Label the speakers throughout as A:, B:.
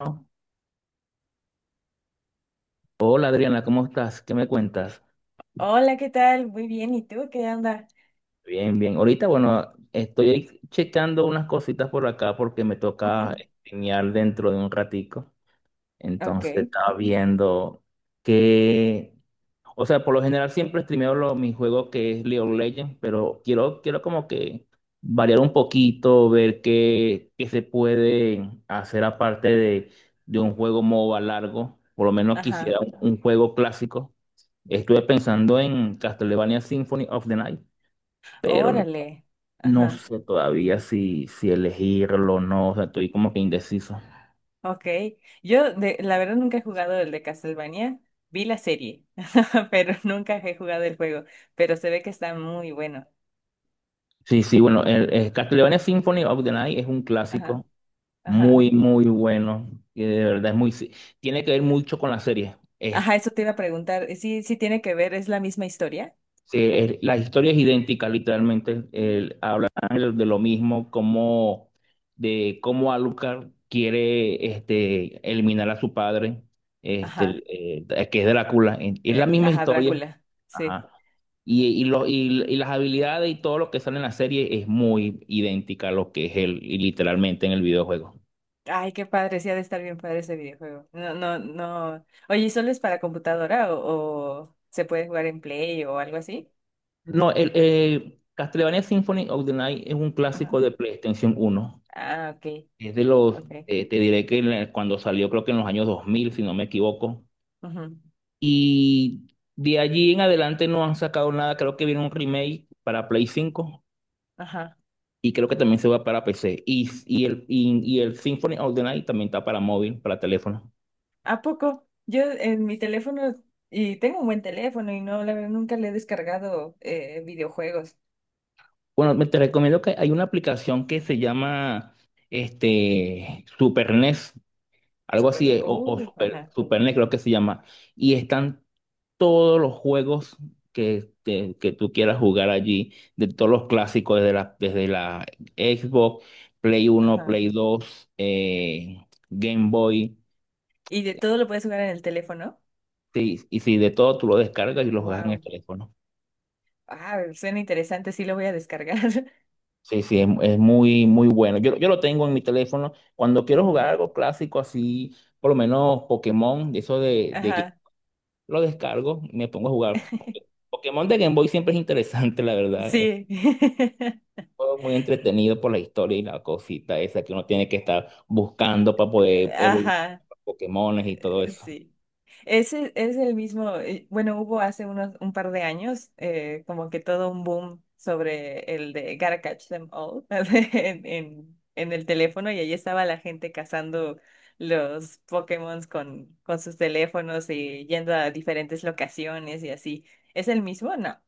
A: No. Hola Adriana, ¿cómo estás? ¿Qué me cuentas?
B: Hola, ¿qué tal? Muy bien, ¿y tú qué onda?
A: Bien, bien. Ahorita, bueno, estoy checando unas cositas por acá porque me toca
B: Ujú.
A: streamear dentro de un ratico.
B: Ok,
A: Entonces estaba viendo que, o sea, por lo general siempre streameo mi juego, que es League of Legends, pero quiero como que variar un poquito, ver qué, qué se puede hacer aparte de un juego MOBA largo. Por lo menos quisiera
B: ajá,
A: un juego clásico. Estuve pensando en Castlevania Symphony of the Night, pero no,
B: órale,
A: no
B: ajá,
A: sé todavía si elegirlo o no, o sea, estoy como que indeciso.
B: ok. La verdad, nunca he jugado el de Castlevania. Vi la serie, pero nunca he jugado el juego, pero se ve que está muy bueno.
A: Sí, sí, bueno, el Castlevania Symphony of the Night es un
B: Ajá,
A: clásico
B: ajá,
A: muy, muy bueno, y de verdad es muy, sí, tiene que ver mucho con la serie. Es
B: ajá, eso te iba a preguntar. Sí, sí tiene que ver, es la misma historia.
A: Sí, la historia es idéntica, literalmente. Hablan de lo mismo, como de cómo Alucard quiere eliminar a su padre, este,
B: Ajá,
A: que es Drácula. Es la misma
B: ajá,
A: historia.
B: Drácula, sí.
A: Ajá. Y las habilidades y todo lo que sale en la serie es muy idéntica a lo que es él, y literalmente en el videojuego.
B: Ay, qué padre, sí ha de estar bien padre ese videojuego. No, no, no. Oye, ¿y solo es para computadora o se puede jugar en Play o algo así?
A: No, Castlevania Symphony of the Night es un
B: Ajá.
A: clásico de PlayStation 1.
B: Ah, ok,
A: Es de los,
B: ok.
A: te diré que en cuando salió, creo que en los años 2000, si no me equivoco.
B: Ujú,
A: Y de allí en adelante no han sacado nada. Creo que viene un remake para Play 5,
B: ajá.
A: y creo que también se va para PC. Y el Symphony of the Night también está para móvil, para teléfono.
B: ¿A poco? Yo en mi teléfono, y tengo un buen teléfono y no, la verdad, nunca le he descargado videojuegos.
A: Bueno, te recomiendo que hay una aplicación que se llama Super NES, algo así,
B: Super.
A: o Super,
B: Ajá,
A: Super NES, creo que se llama. Y están todos los juegos que tú quieras jugar allí, de todos los clásicos, desde la Xbox, Play 1,
B: ajá.
A: Play 2, Game Boy,
B: ¿Y de todo lo puedes jugar en el teléfono?
A: sí, y sí, de todo tú lo descargas y lo juegas en el
B: Wow.
A: teléfono.
B: Ah, suena interesante, sí lo voy a descargar.
A: Sí, sí, es muy, muy bueno. Yo lo tengo en mi teléfono. Cuando quiero jugar
B: Ujú,
A: algo clásico así, por lo menos Pokémon, de eso de que
B: ajá.
A: lo descargo, y me pongo a jugar. Pokémon de Game Boy siempre es interesante, la verdad.
B: Sí.
A: Todo muy entretenido por la historia y la cosita esa que uno tiene que estar buscando para poder evolucionar
B: Ajá,
A: los Pokémones y todo eso.
B: sí. Ese es el mismo, bueno, hubo hace unos un par de años como que todo un boom sobre el de Gotta Catch Them All en el teléfono y ahí estaba la gente cazando los Pokémon con sus teléfonos y yendo a diferentes locaciones y así. ¿Es el mismo? No.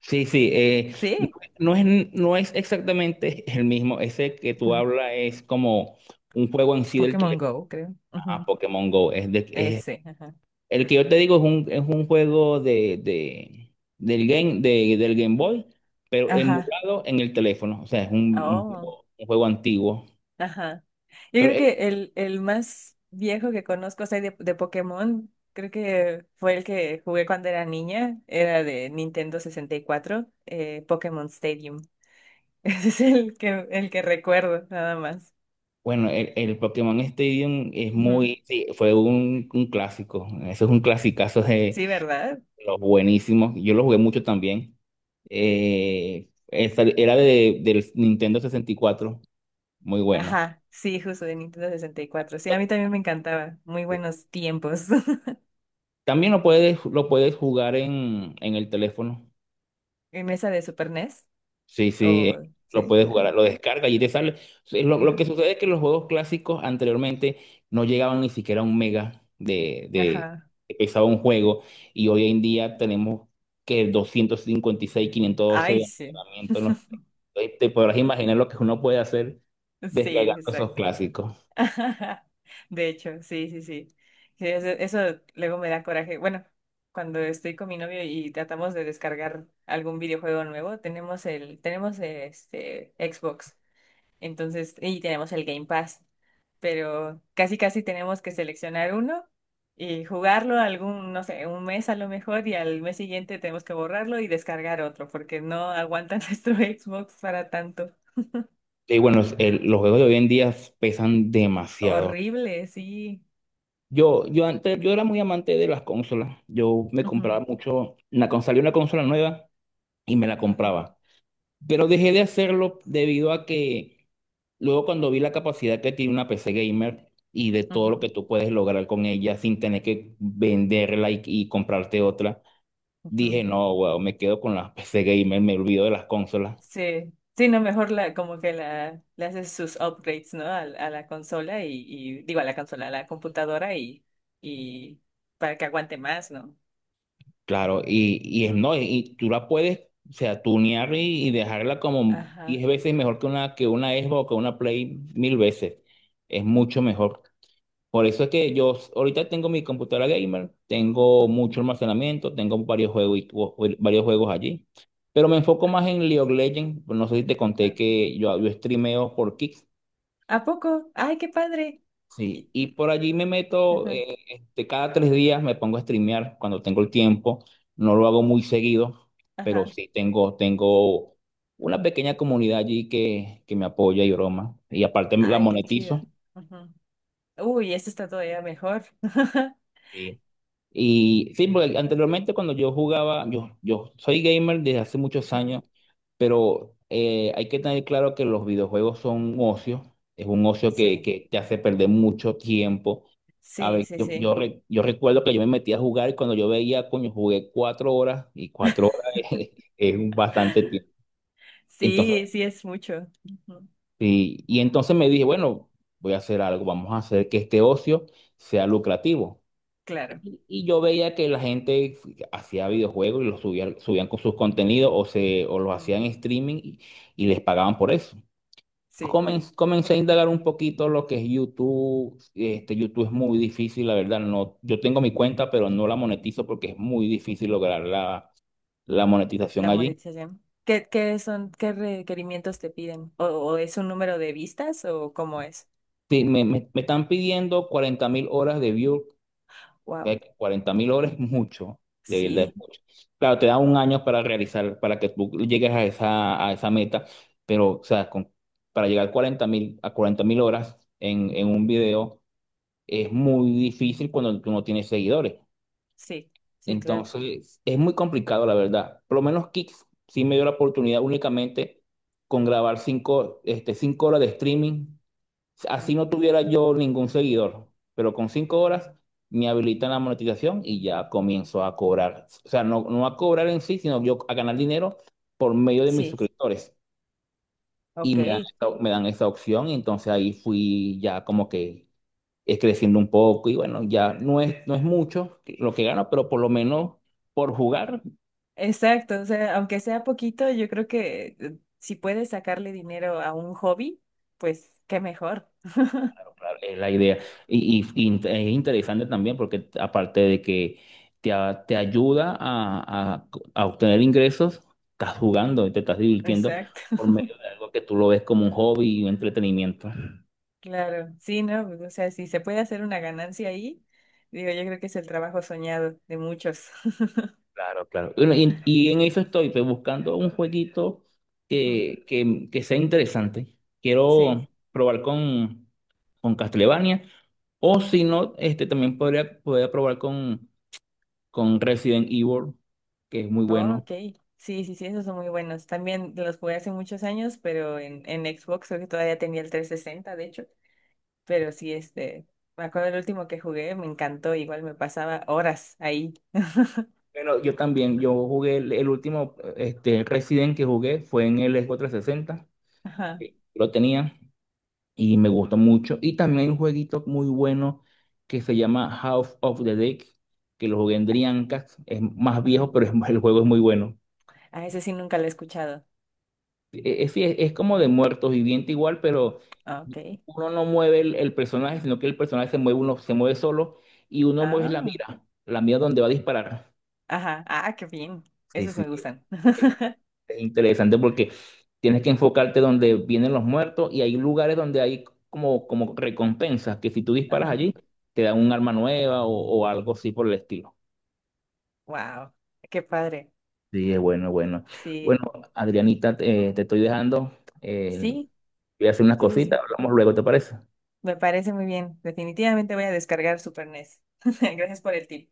A: Sí, sí, no,
B: ¿Sí?
A: no es exactamente el mismo. Ese que tú
B: Ujú.
A: hablas es como un juego en sí del
B: Pokémon
A: teléfono.
B: Go, creo.
A: Ah,
B: Ujú.
A: Pokémon Go.
B: Ese. Ajá.
A: El que yo te digo es un juego del Game Boy, pero
B: Ajá.
A: emulado en el teléfono. O sea, es un, un
B: Oh.
A: juego, un juego antiguo.
B: Ajá. Yo
A: Pero
B: creo
A: es
B: que el más viejo que conozco, o sea, de Pokémon, creo que fue el que jugué cuando era niña, era de Nintendo 64, Pokémon Stadium. Ese es el que recuerdo, nada más.
A: Bueno, el Pokémon Stadium es
B: Ujú.
A: muy, sí, fue un clásico. Eso es un clasicazo de
B: Sí, ¿verdad?
A: los buenísimos. Yo lo jugué mucho también. Era del Nintendo 64, muy bueno.
B: Ajá, sí, justo de Nintendo 64. Sí, a mí también me encantaba. Muy
A: Sí.
B: buenos tiempos.
A: También lo puedes jugar en el teléfono.
B: ¿En mesa de Super NES?
A: Sí, sí,
B: ¿O
A: lo
B: sí?
A: puedes
B: Ah,
A: jugar, lo descargas y te sale. Sí. Lo que
B: ajá.
A: sucede es que los juegos clásicos anteriormente no llegaban ni siquiera a un mega de, de,
B: Ajá.
A: de pesado un juego, y hoy en día tenemos que 256, 512
B: Ay,
A: de
B: sí.
A: almacenamiento. No sé. Entonces, te podrás imaginar lo que uno puede hacer
B: Sí,
A: descargando esos clásicos.
B: de hecho, sí, sí, sí. Sí, eso luego me da coraje. Bueno, cuando estoy con mi novio y tratamos de descargar algún videojuego nuevo, tenemos este Xbox, entonces, y tenemos el Game Pass, pero casi casi tenemos que seleccionar uno y jugarlo algún, no sé, un mes a lo mejor, y al mes siguiente tenemos que borrarlo y descargar otro, porque no aguanta nuestro Xbox para tanto.
A: Y bueno, los juegos de hoy en día pesan demasiado.
B: Horrible, sí.
A: Yo antes, yo era muy amante de las consolas. Yo me compraba
B: Ujú,
A: mucho, una, cuando salió una consola nueva, y me la
B: ujú,
A: compraba. Pero dejé de hacerlo debido a que luego, cuando vi la capacidad que tiene una PC gamer y de todo lo
B: ujú.
A: que tú puedes lograr con ella sin tener que venderla y comprarte otra,
B: Ujú.
A: dije, no, weón, me quedo con la PC gamer, me olvido de las consolas.
B: Sí, sí, no, mejor como que le haces sus upgrades, ¿no? A la consola digo, a la consola, a la computadora y para que aguante más, ¿no?
A: Claro, y es
B: Ujú.
A: no, y tú la puedes, o sea, tunear, y dejarla como
B: Ajá.
A: 10 veces mejor que una Xbox, o que una Play mil veces. Es mucho mejor. Por eso es que yo ahorita tengo mi computadora gamer, tengo
B: Ujú.
A: mucho almacenamiento, tengo varios juegos, varios juegos allí. Pero me enfoco más en League of Legends. No sé si te conté
B: Ajá.
A: que yo streameo por Kick.
B: ¿A poco? ¡Ay, qué padre!
A: Sí,
B: Y-
A: y por allí me meto,
B: ajá,
A: cada 3 días me pongo a streamear cuando tengo el tiempo. No lo hago muy seguido, pero
B: ajá.
A: sí tengo una pequeña comunidad allí que me apoya y broma. Y aparte la
B: ¡Ay, qué chido!
A: monetizo.
B: Ujú. Uy, esto está todavía mejor.
A: Sí. Y sí, porque anteriormente, cuando yo jugaba, yo soy gamer desde hace muchos
B: Ajá.
A: años, pero hay que tener claro que los videojuegos son un ocio, es un ocio que,
B: Sí,
A: que te hace perder mucho tiempo. A
B: sí,
A: ver,
B: sí,
A: yo, yo,
B: sí.
A: re- yo recuerdo que yo me metí a jugar y, cuando yo veía, coño, jugué 4 horas, y 4 horas es un bastante tiempo. Entonces,
B: Sí, sí, es mucho. Ujú.
A: me dije, bueno, voy a hacer algo, vamos a hacer que este ocio sea lucrativo.
B: Claro.
A: Y yo veía que la gente hacía videojuegos y subían con sus contenidos, o los
B: Ujú.
A: hacían en streaming, y les pagaban por eso.
B: Sí.
A: Comencé a indagar un poquito lo que es YouTube. YouTube es muy difícil, la verdad. No, yo tengo mi cuenta, pero no la monetizo porque es muy difícil lograr la monetización
B: La
A: allí.
B: monetización. Qué son, qué requerimientos te piden? O es un número de vistas o cómo es?
A: Sí, me están pidiendo 40.000 horas de views.
B: Wow.
A: Ve que 40 mil horas es mucho, de verdad es
B: Sí,
A: mucho. Claro, te da un año para realizar, para que tú llegues a esa meta, pero, o sea, para llegar a 40 mil horas en un video es muy difícil cuando tú no tienes seguidores.
B: sí, sí, claro.
A: Entonces, es muy complicado, la verdad. Por lo menos Kicks sí me dio la oportunidad únicamente con grabar 5 horas de streaming.
B: Mm.
A: Así no tuviera yo ningún seguidor, pero con 5 horas me habilitan la monetización y ya comienzo a cobrar. O sea, no a cobrar en sí, sino yo a ganar dinero por medio de mis
B: Sí,
A: suscriptores. Y
B: ok.
A: me dan, me dan esa opción, y entonces ahí fui ya como que creciendo un poco y, bueno, ya no es mucho lo que gano, pero por lo menos por jugar.
B: Exacto. O sea, aunque sea poquito, yo creo que si puedes sacarle dinero a un hobby, pues qué mejor.
A: Es la idea. Y es interesante también porque, aparte de que te ayuda a, a obtener ingresos, estás jugando y te estás divirtiendo
B: Exacto.
A: por medio de algo que tú lo ves como un hobby y un entretenimiento.
B: Claro. Sí, ¿no? Pues, o sea, si se puede hacer una ganancia ahí, digo, yo creo que es el trabajo soñado de muchos.
A: Claro, claro. Bueno, y en eso estoy, pues, buscando un jueguito
B: Ujú.
A: que sea interesante.
B: Sí.
A: Quiero probar con Castlevania o, si no, también podría probar con Resident Evil, que es muy
B: Oh,
A: bueno.
B: ok, sí, sí, sí, esos son muy buenos. También los jugué hace muchos años, pero en Xbox creo que todavía tenía el 360, de hecho. Pero sí, este, me acuerdo el último que jugué, me encantó, igual me pasaba horas ahí.
A: Bueno, yo también, yo jugué el último Resident que jugué fue en el Xbox 360,
B: Ajá,
A: que lo tenía y me gustó mucho. Y también hay un jueguito muy bueno que se llama House of the Dead, que lo jugué en Dreamcast, es más
B: ajá.
A: viejo, pero el juego es muy bueno.
B: Ah, ese sí nunca lo he escuchado.
A: Sí, es como de muertos viviente igual, pero
B: Ah, ok.
A: uno no mueve el personaje, sino que el personaje se mueve, uno se mueve solo, y uno mueve
B: Ah,
A: la mira donde va a disparar.
B: ajá, ah, qué bien.
A: Sí,
B: Esos
A: sí,
B: me gustan.
A: interesante porque tienes que enfocarte donde vienen los muertos, y hay lugares donde hay como recompensas que, si tú disparas
B: Ajá.
A: allí, te dan un arma nueva, o algo así por el estilo.
B: Wow, qué padre.
A: Sí, es bueno, es bueno.
B: Sí,
A: Bueno, Adrianita, te estoy dejando. eh,
B: sí,
A: Voy a hacer unas
B: sí, sí,
A: cositas,
B: sí.
A: hablamos luego, ¿te parece?
B: Me parece muy bien. Definitivamente voy a descargar Super NES. Gracias por el tip.